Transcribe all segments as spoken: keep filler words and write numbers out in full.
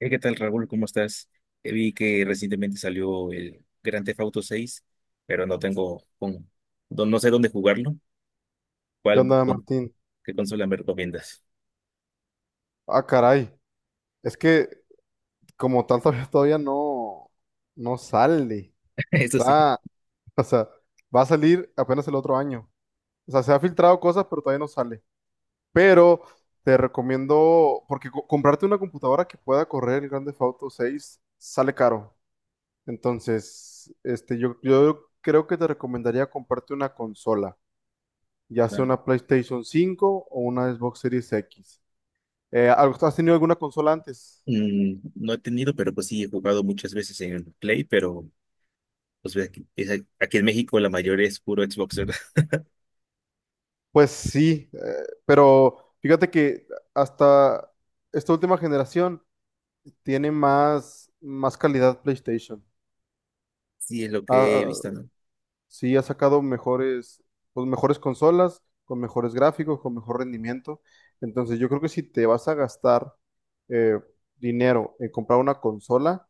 Hey, ¿qué tal, Raúl? ¿Cómo estás? Eh, Vi que recientemente salió el Grand Theft Auto seis, pero no tengo, con, no, no sé dónde jugarlo. ¿Qué ¿Cuál, onda, con- Martín? ¿Qué consola me recomiendas? Ah, caray. Es que como tal todavía, todavía no, no sale. Eso sí. Está, o sea, va a salir apenas el otro año. O sea, se ha filtrado cosas, pero todavía no sale. Pero te recomiendo, porque co- comprarte una computadora que pueda correr el Grand Theft Auto seis sale caro. Entonces, este, yo, yo creo que te recomendaría comprarte una consola, ya sea Ah, una PlayStation cinco o una Xbox Series X. Eh, ¿has tenido alguna consola antes? mm, no he tenido, pero pues sí, he jugado muchas veces en el Play, pero pues ve aquí, es a- aquí en México la mayor es puro Xbox, ¿verdad? Pues sí, eh, pero fíjate que hasta esta última generación tiene más, más calidad PlayStation. Sí, es lo Ah, que he ah, visto, ¿no? sí, ha sacado mejores, pues mejores consolas, con mejores gráficos, con mejor rendimiento. Entonces yo creo que si te vas a gastar eh, dinero en comprar una consola,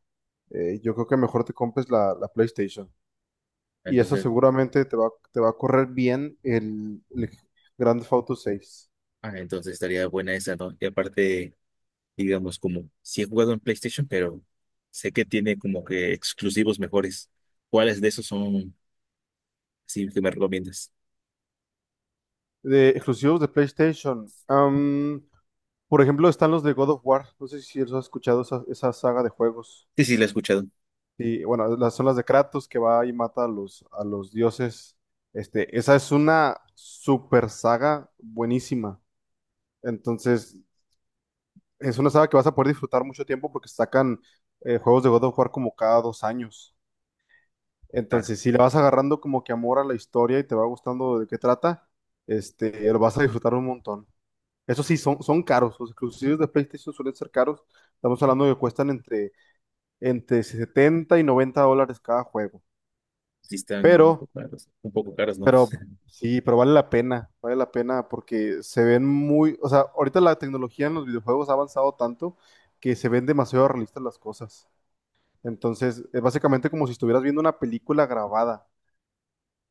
eh, yo creo que mejor te compres la, la PlayStation. Y eso Entonces, seguramente te va, te va a correr bien el, el Grand Theft Auto seis. ah, entonces estaría buena esa, ¿no? Y aparte, digamos, como si he jugado en PlayStation, pero sé que tiene como que exclusivos mejores. ¿Cuáles de esos son sí que me recomiendas? De exclusivos de PlayStation. Am, por ejemplo, están los de God of War. No sé si has escuchado esa, esa saga de juegos. Sí, sí, la he escuchado. Y bueno, las son las de Kratos que va y mata a los, a los dioses. Este, esa es una super saga buenísima. Entonces, es una saga que vas a poder disfrutar mucho tiempo porque sacan eh, juegos de God of War como cada dos años. Ah, Entonces, si le vas agarrando como que amor a la historia y te va gustando de qué trata, este, lo vas a disfrutar un montón. Eso sí, son, son caros. Los exclusivos de PlayStation suelen ser caros. Estamos hablando de que cuestan entre, entre setenta y noventa dólares cada juego. sí están un Pero, poco caros, un poco caros, ¿no? pero sí, pero vale la pena. Vale la pena porque se ven muy. O sea, ahorita la tecnología en los videojuegos ha avanzado tanto que se ven demasiado realistas las cosas. Entonces, es básicamente como si estuvieras viendo una película grabada.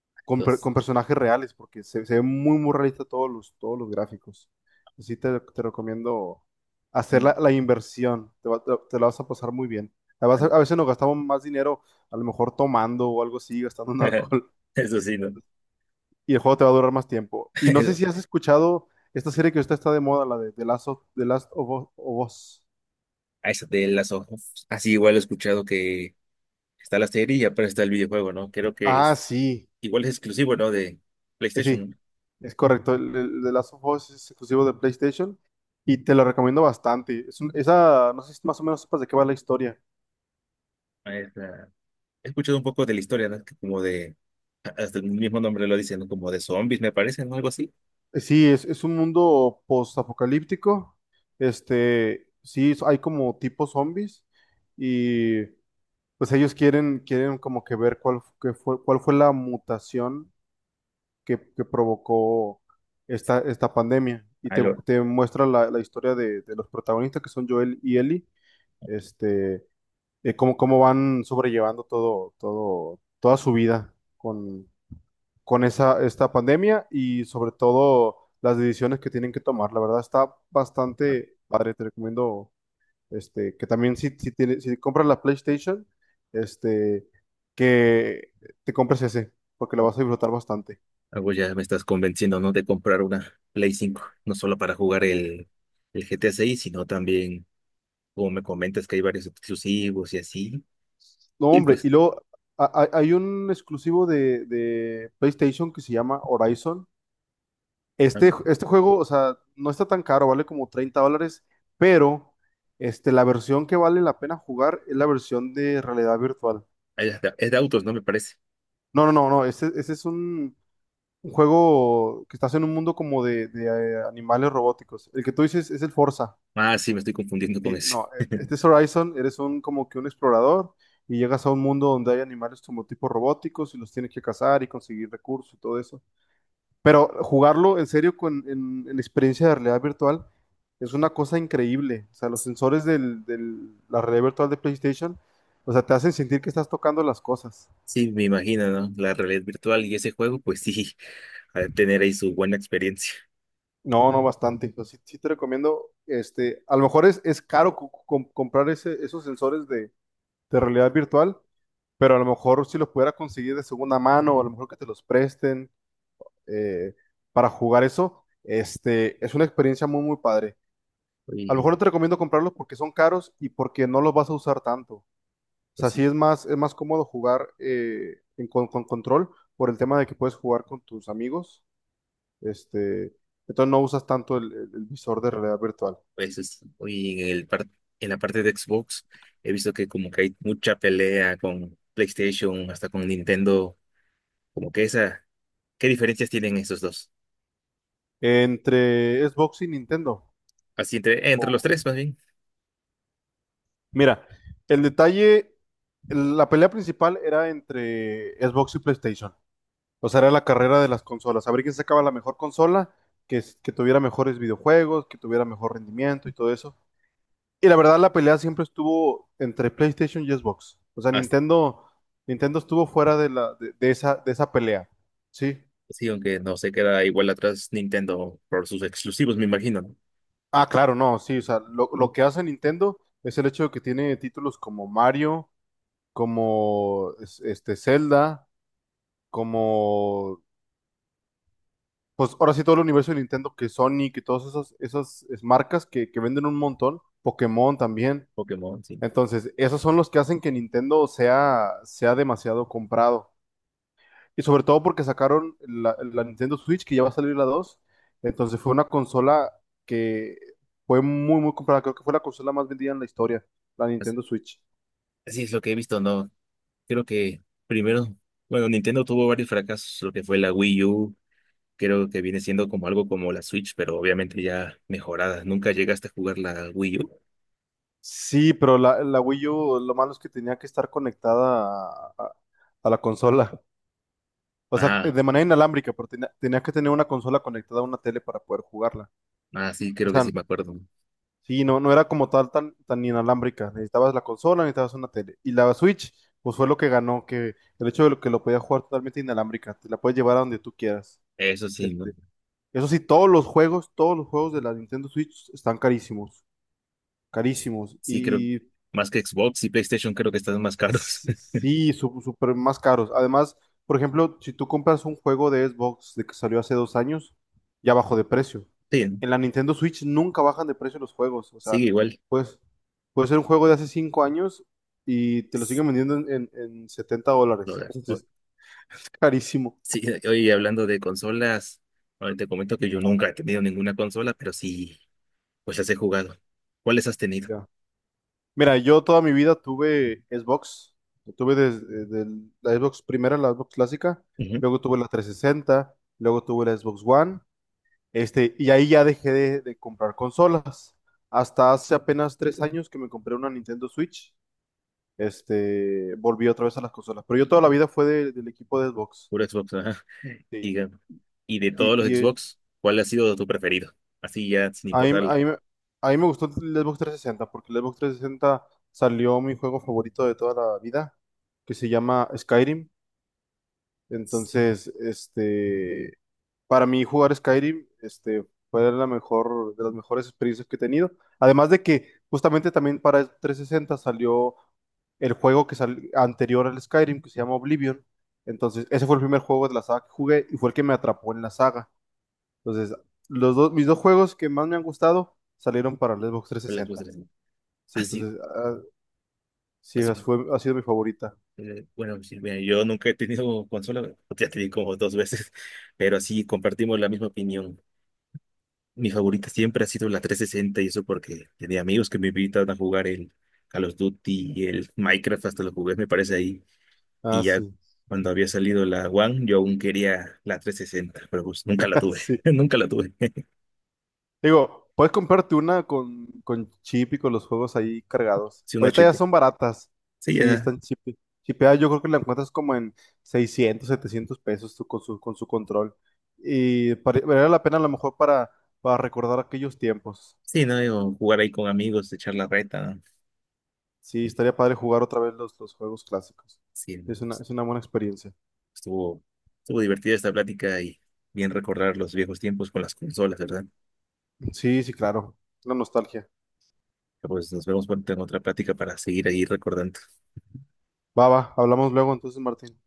con, per- Dos, Con personajes reales, porque se, se ve muy, muy realista todos los, todos los gráficos. Así te, te recomiendo hacer no. la, la inversión, te, va- te- te la vas a pasar muy bien. La vas a, a veces nos gastamos más dinero, a lo mejor tomando o algo así, gastando en alcohol, Eso sí, ¿no? y el juego te va a durar más tiempo. Y no sé si has escuchado esta serie que ahorita está de moda, la de The Last of, The Last of Us. of Us. A esa de las hojas. Así igual he escuchado que está la serie y aparte está el videojuego, ¿no? Creo que Ah, es, sí. igual es exclusivo, ¿no? De Eh, sí. PlayStation. Es correcto, el, el The Last of Us es exclusivo de PlayStation y te lo recomiendo bastante. Es un- esa, no sé si más o menos sepas de qué va la historia. ¿No? He escuchado un poco de la historia, ¿no? Que como de, hasta el mismo nombre lo dicen, ¿no? Como de zombies, me parece, ¿no? Algo así. Eh, Sí, es, es un mundo post-apocalíptico. Este, sí, es- hay como tipo zombies y pues ellos quieren, quieren como que ver cuál, fu- qué fue, cuál fue la mutación que, que provocó esta, esta pandemia. Y te, Algo, te muestra la, la historia de, de los protagonistas que son Joel y Ellie. Este, eh, cómo, cómo van sobrellevando todo, todo, toda su vida con, con esa, esta pandemia y sobre todo las decisiones que tienen que tomar. La verdad está bastante padre, te recomiendo este, que también si, si, tienes- si compras la PlayStation, este, que te compres ese, porque lo vas a disfrutar bastante. algo ya me estás convenciendo, ¿no? De comprar una Play cinco, no solo para jugar el, el G T A seis, sino también, como me comentas, que hay varios exclusivos y así. No, Y hombre, y pues, luego... ha- ha- Hay un exclusivo de, de PlayStation que se llama Horizon. Este, am- este juego, o sea, no está tan caro, vale como treinta dólares, pero este, la versión que vale la pena jugar es la versión de realidad virtual. hay hasta- es de autos, ¿no? Me parece. No, no, no, no, ese, ese es un, un juego que estás en un mundo como de, de, eh, animales robóticos. El que tú dices es el Forza. Ah, sí, me estoy confundiendo con Sí, ese. no, este este es Horizon, eres un como que un explorador y llegas a un mundo donde hay animales como tipo robóticos y los tienes que cazar y conseguir recursos y todo eso. Pero jugarlo en serio con en, en experiencia de realidad virtual es una cosa increíble. O sea, los sensores del, del- la realidad virtual de PlayStation, o sea, te hacen sentir que estás tocando las cosas. Sí, me imagino, ¿no? La realidad virtual y ese juego, pues sí, al tener ahí su buena experiencia. No, no, bastante. Entonces, sí, sí te recomiendo, este, a lo mejor es, es caro co- co- comprar ese, esos sensores de, de realidad virtual, pero a lo mejor si los pudiera conseguir de segunda mano, o a lo mejor que te los presten eh, para jugar eso, este, es una experiencia muy, muy padre. A lo Y mejor no te recomiendo comprarlos porque son caros y porque no los vas a usar tanto. O pues sea, sí sí, es más, es más cómodo jugar eh, en- con, con control por el tema de que puedes jugar con tus amigos. Este, entonces no usas tanto el, el- el visor de realidad virtual. Pues es- y en el par- en la parte de Xbox he visto que como que hay mucha pelea con PlayStation, hasta con Nintendo, como que esa, ¿qué diferencias tienen esos dos? Entre Xbox y Nintendo. Así entre, entre los O- tres más bien. Mira, el detalle, la pelea principal era entre Xbox y PlayStation. O sea, era la carrera de las consolas. A ver quién sacaba la mejor consola, que, es- que tuviera mejores videojuegos, que tuviera mejor rendimiento y todo eso. Y la verdad, la pelea siempre estuvo entre PlayStation y Xbox. O sea, As- Nintendo, Nintendo estuvo fuera de la, de, de esa, de esa pelea. Sí. sí, aunque no se queda igual atrás Nintendo por sus exclusivos, me imagino, ¿no? Ah, claro, no, sí. O sea, lo, lo que hace Nintendo es el hecho de que tiene títulos como Mario, como es- este Zelda, como pues ahora sí todo el universo de Nintendo, que Sonic y todas esas, esas es- marcas que, que venden un montón, Pokémon también. Pokémon, sí. Entonces, esos son los que hacen que Nintendo sea, sea demasiado comprado. Y sobre todo porque sacaron la, la Nintendo Switch, que ya va a salir la dos. Entonces fue una consola que fue muy, muy comprada. Creo que fue la consola más vendida en la historia, la As- Nintendo Switch. Así es lo que he visto, ¿no? Creo que primero, bueno, Nintendo tuvo varios fracasos, lo que fue la Wii U, creo que viene siendo como algo como la Switch, pero obviamente ya mejorada. ¿Nunca llegaste a jugar la Wii U? Sí, pero la, la Wii U, lo malo es que tenía que estar conectada a, a- a la consola. O sea, Ah, de manera inalámbrica, pero tenía, tenía que tener una consola conectada a una tele para poder jugarla. ah, sí, O creo que sea, sí me acuerdo. sí, no, no era como tal tan, tan inalámbrica. Necesitabas la consola, necesitabas una tele. Y la Switch, pues fue lo que ganó, que el hecho de lo que lo podías jugar totalmente inalámbrica, te la puedes llevar a donde tú quieras. Eso sí, Este, ¿no? eso sí, todos los juegos, todos los juegos de la Nintendo Switch están carísimos, carísimos. Sí, creo. Y, y Más que Xbox y PlayStation creo que están más caros. sí, su- súper más caros. Además, por ejemplo, si tú compras un juego de Xbox de que salió hace dos años, ya bajó de precio. Sí, ¿no? En la Nintendo Switch nunca bajan de precio los juegos. O sea, Sigue igual. pues puede ser un juego de hace cinco años y te lo S- siguen vendiendo en, en, en 70 lo dólares. o- Entonces, es carísimo. Sí, hoy hablando de consolas, ahora te comento que yo nunca he tenido ninguna consola, pero sí, pues las he jugado. ¿Cuáles has tenido? Ya. Mira, yo toda mi vida tuve Xbox. Lo tuve desde desde la Xbox primera, la Xbox clásica. Ujú. Luego tuve la trescientos sesenta. Luego tuve la Xbox One. Este, y ahí ya dejé de, de comprar consolas. Hasta hace apenas tres años que me compré una Nintendo Switch, este, volví otra vez a las consolas. Pero yo toda la vida fue de- del equipo de Xbox. Puro Xbox, ajá. Sí. Y, ga- y de Y, todos los y eh, Xbox, ¿cuál ha sido tu preferido? Así ya, sin a mí, importar. a el- mí me a mí me gustó el Xbox trescientos sesenta porque el Xbox trescientos sesenta salió mi juego favorito de toda la vida, que se llama Skyrim. Entonces, este, para mí jugar Skyrim, este, fue la mejor, de las mejores experiencias que he tenido. Además de que justamente también para trescientos sesenta salió el juego que salió anterior al Skyrim, que se llama Oblivion. Entonces, ese fue el primer juego de la saga que jugué y fue el que me atrapó en la saga. Entonces, los dos, mis dos juegos que más me han gustado salieron para el Xbox ¿Cuál Xbox trescientos sesenta. eres? Sí, Así, entonces, ah, sí, así. esa fue, ha sido mi favorita. Eh, Bueno, sí, mira, yo nunca he tenido consola, ya te di como dos veces, pero sí compartimos la misma opinión. Mi favorita siempre ha sido la trescientos sesenta, y eso porque tenía amigos que me invitaban a jugar el Call of Duty y el Minecraft, hasta los jugué, me parece ahí. Ah, Y ya sí, cuando había salido la One, yo aún quería la trescientos sesenta, pero pues nunca la tuve, sí. nunca la tuve. Digo, puedes comprarte una con, con chip y con los juegos ahí cargados. Sí, una Ahorita ya chiste. son baratas. Sí, Sí, ya, están chip, chipeadas. Yo creo que la encuentras como en seiscientos, setecientos pesos tú con su, con su control. Y pare- valdría la pena a lo mejor para, para recordar aquellos tiempos. sí, no, digo, jugar ahí con amigos, echar la reta, Sí, estaría padre jugar otra vez los, los juegos clásicos. sí, no, Es una, pues, Es una buena experiencia. Estuvo, estuvo divertida esta plática y bien recordar los viejos tiempos con las consolas, ¿verdad? Sí, sí, claro. La nostalgia. Pues nos vemos pronto en otra plática para seguir ahí recordando. Va, va, hablamos luego entonces, Martín.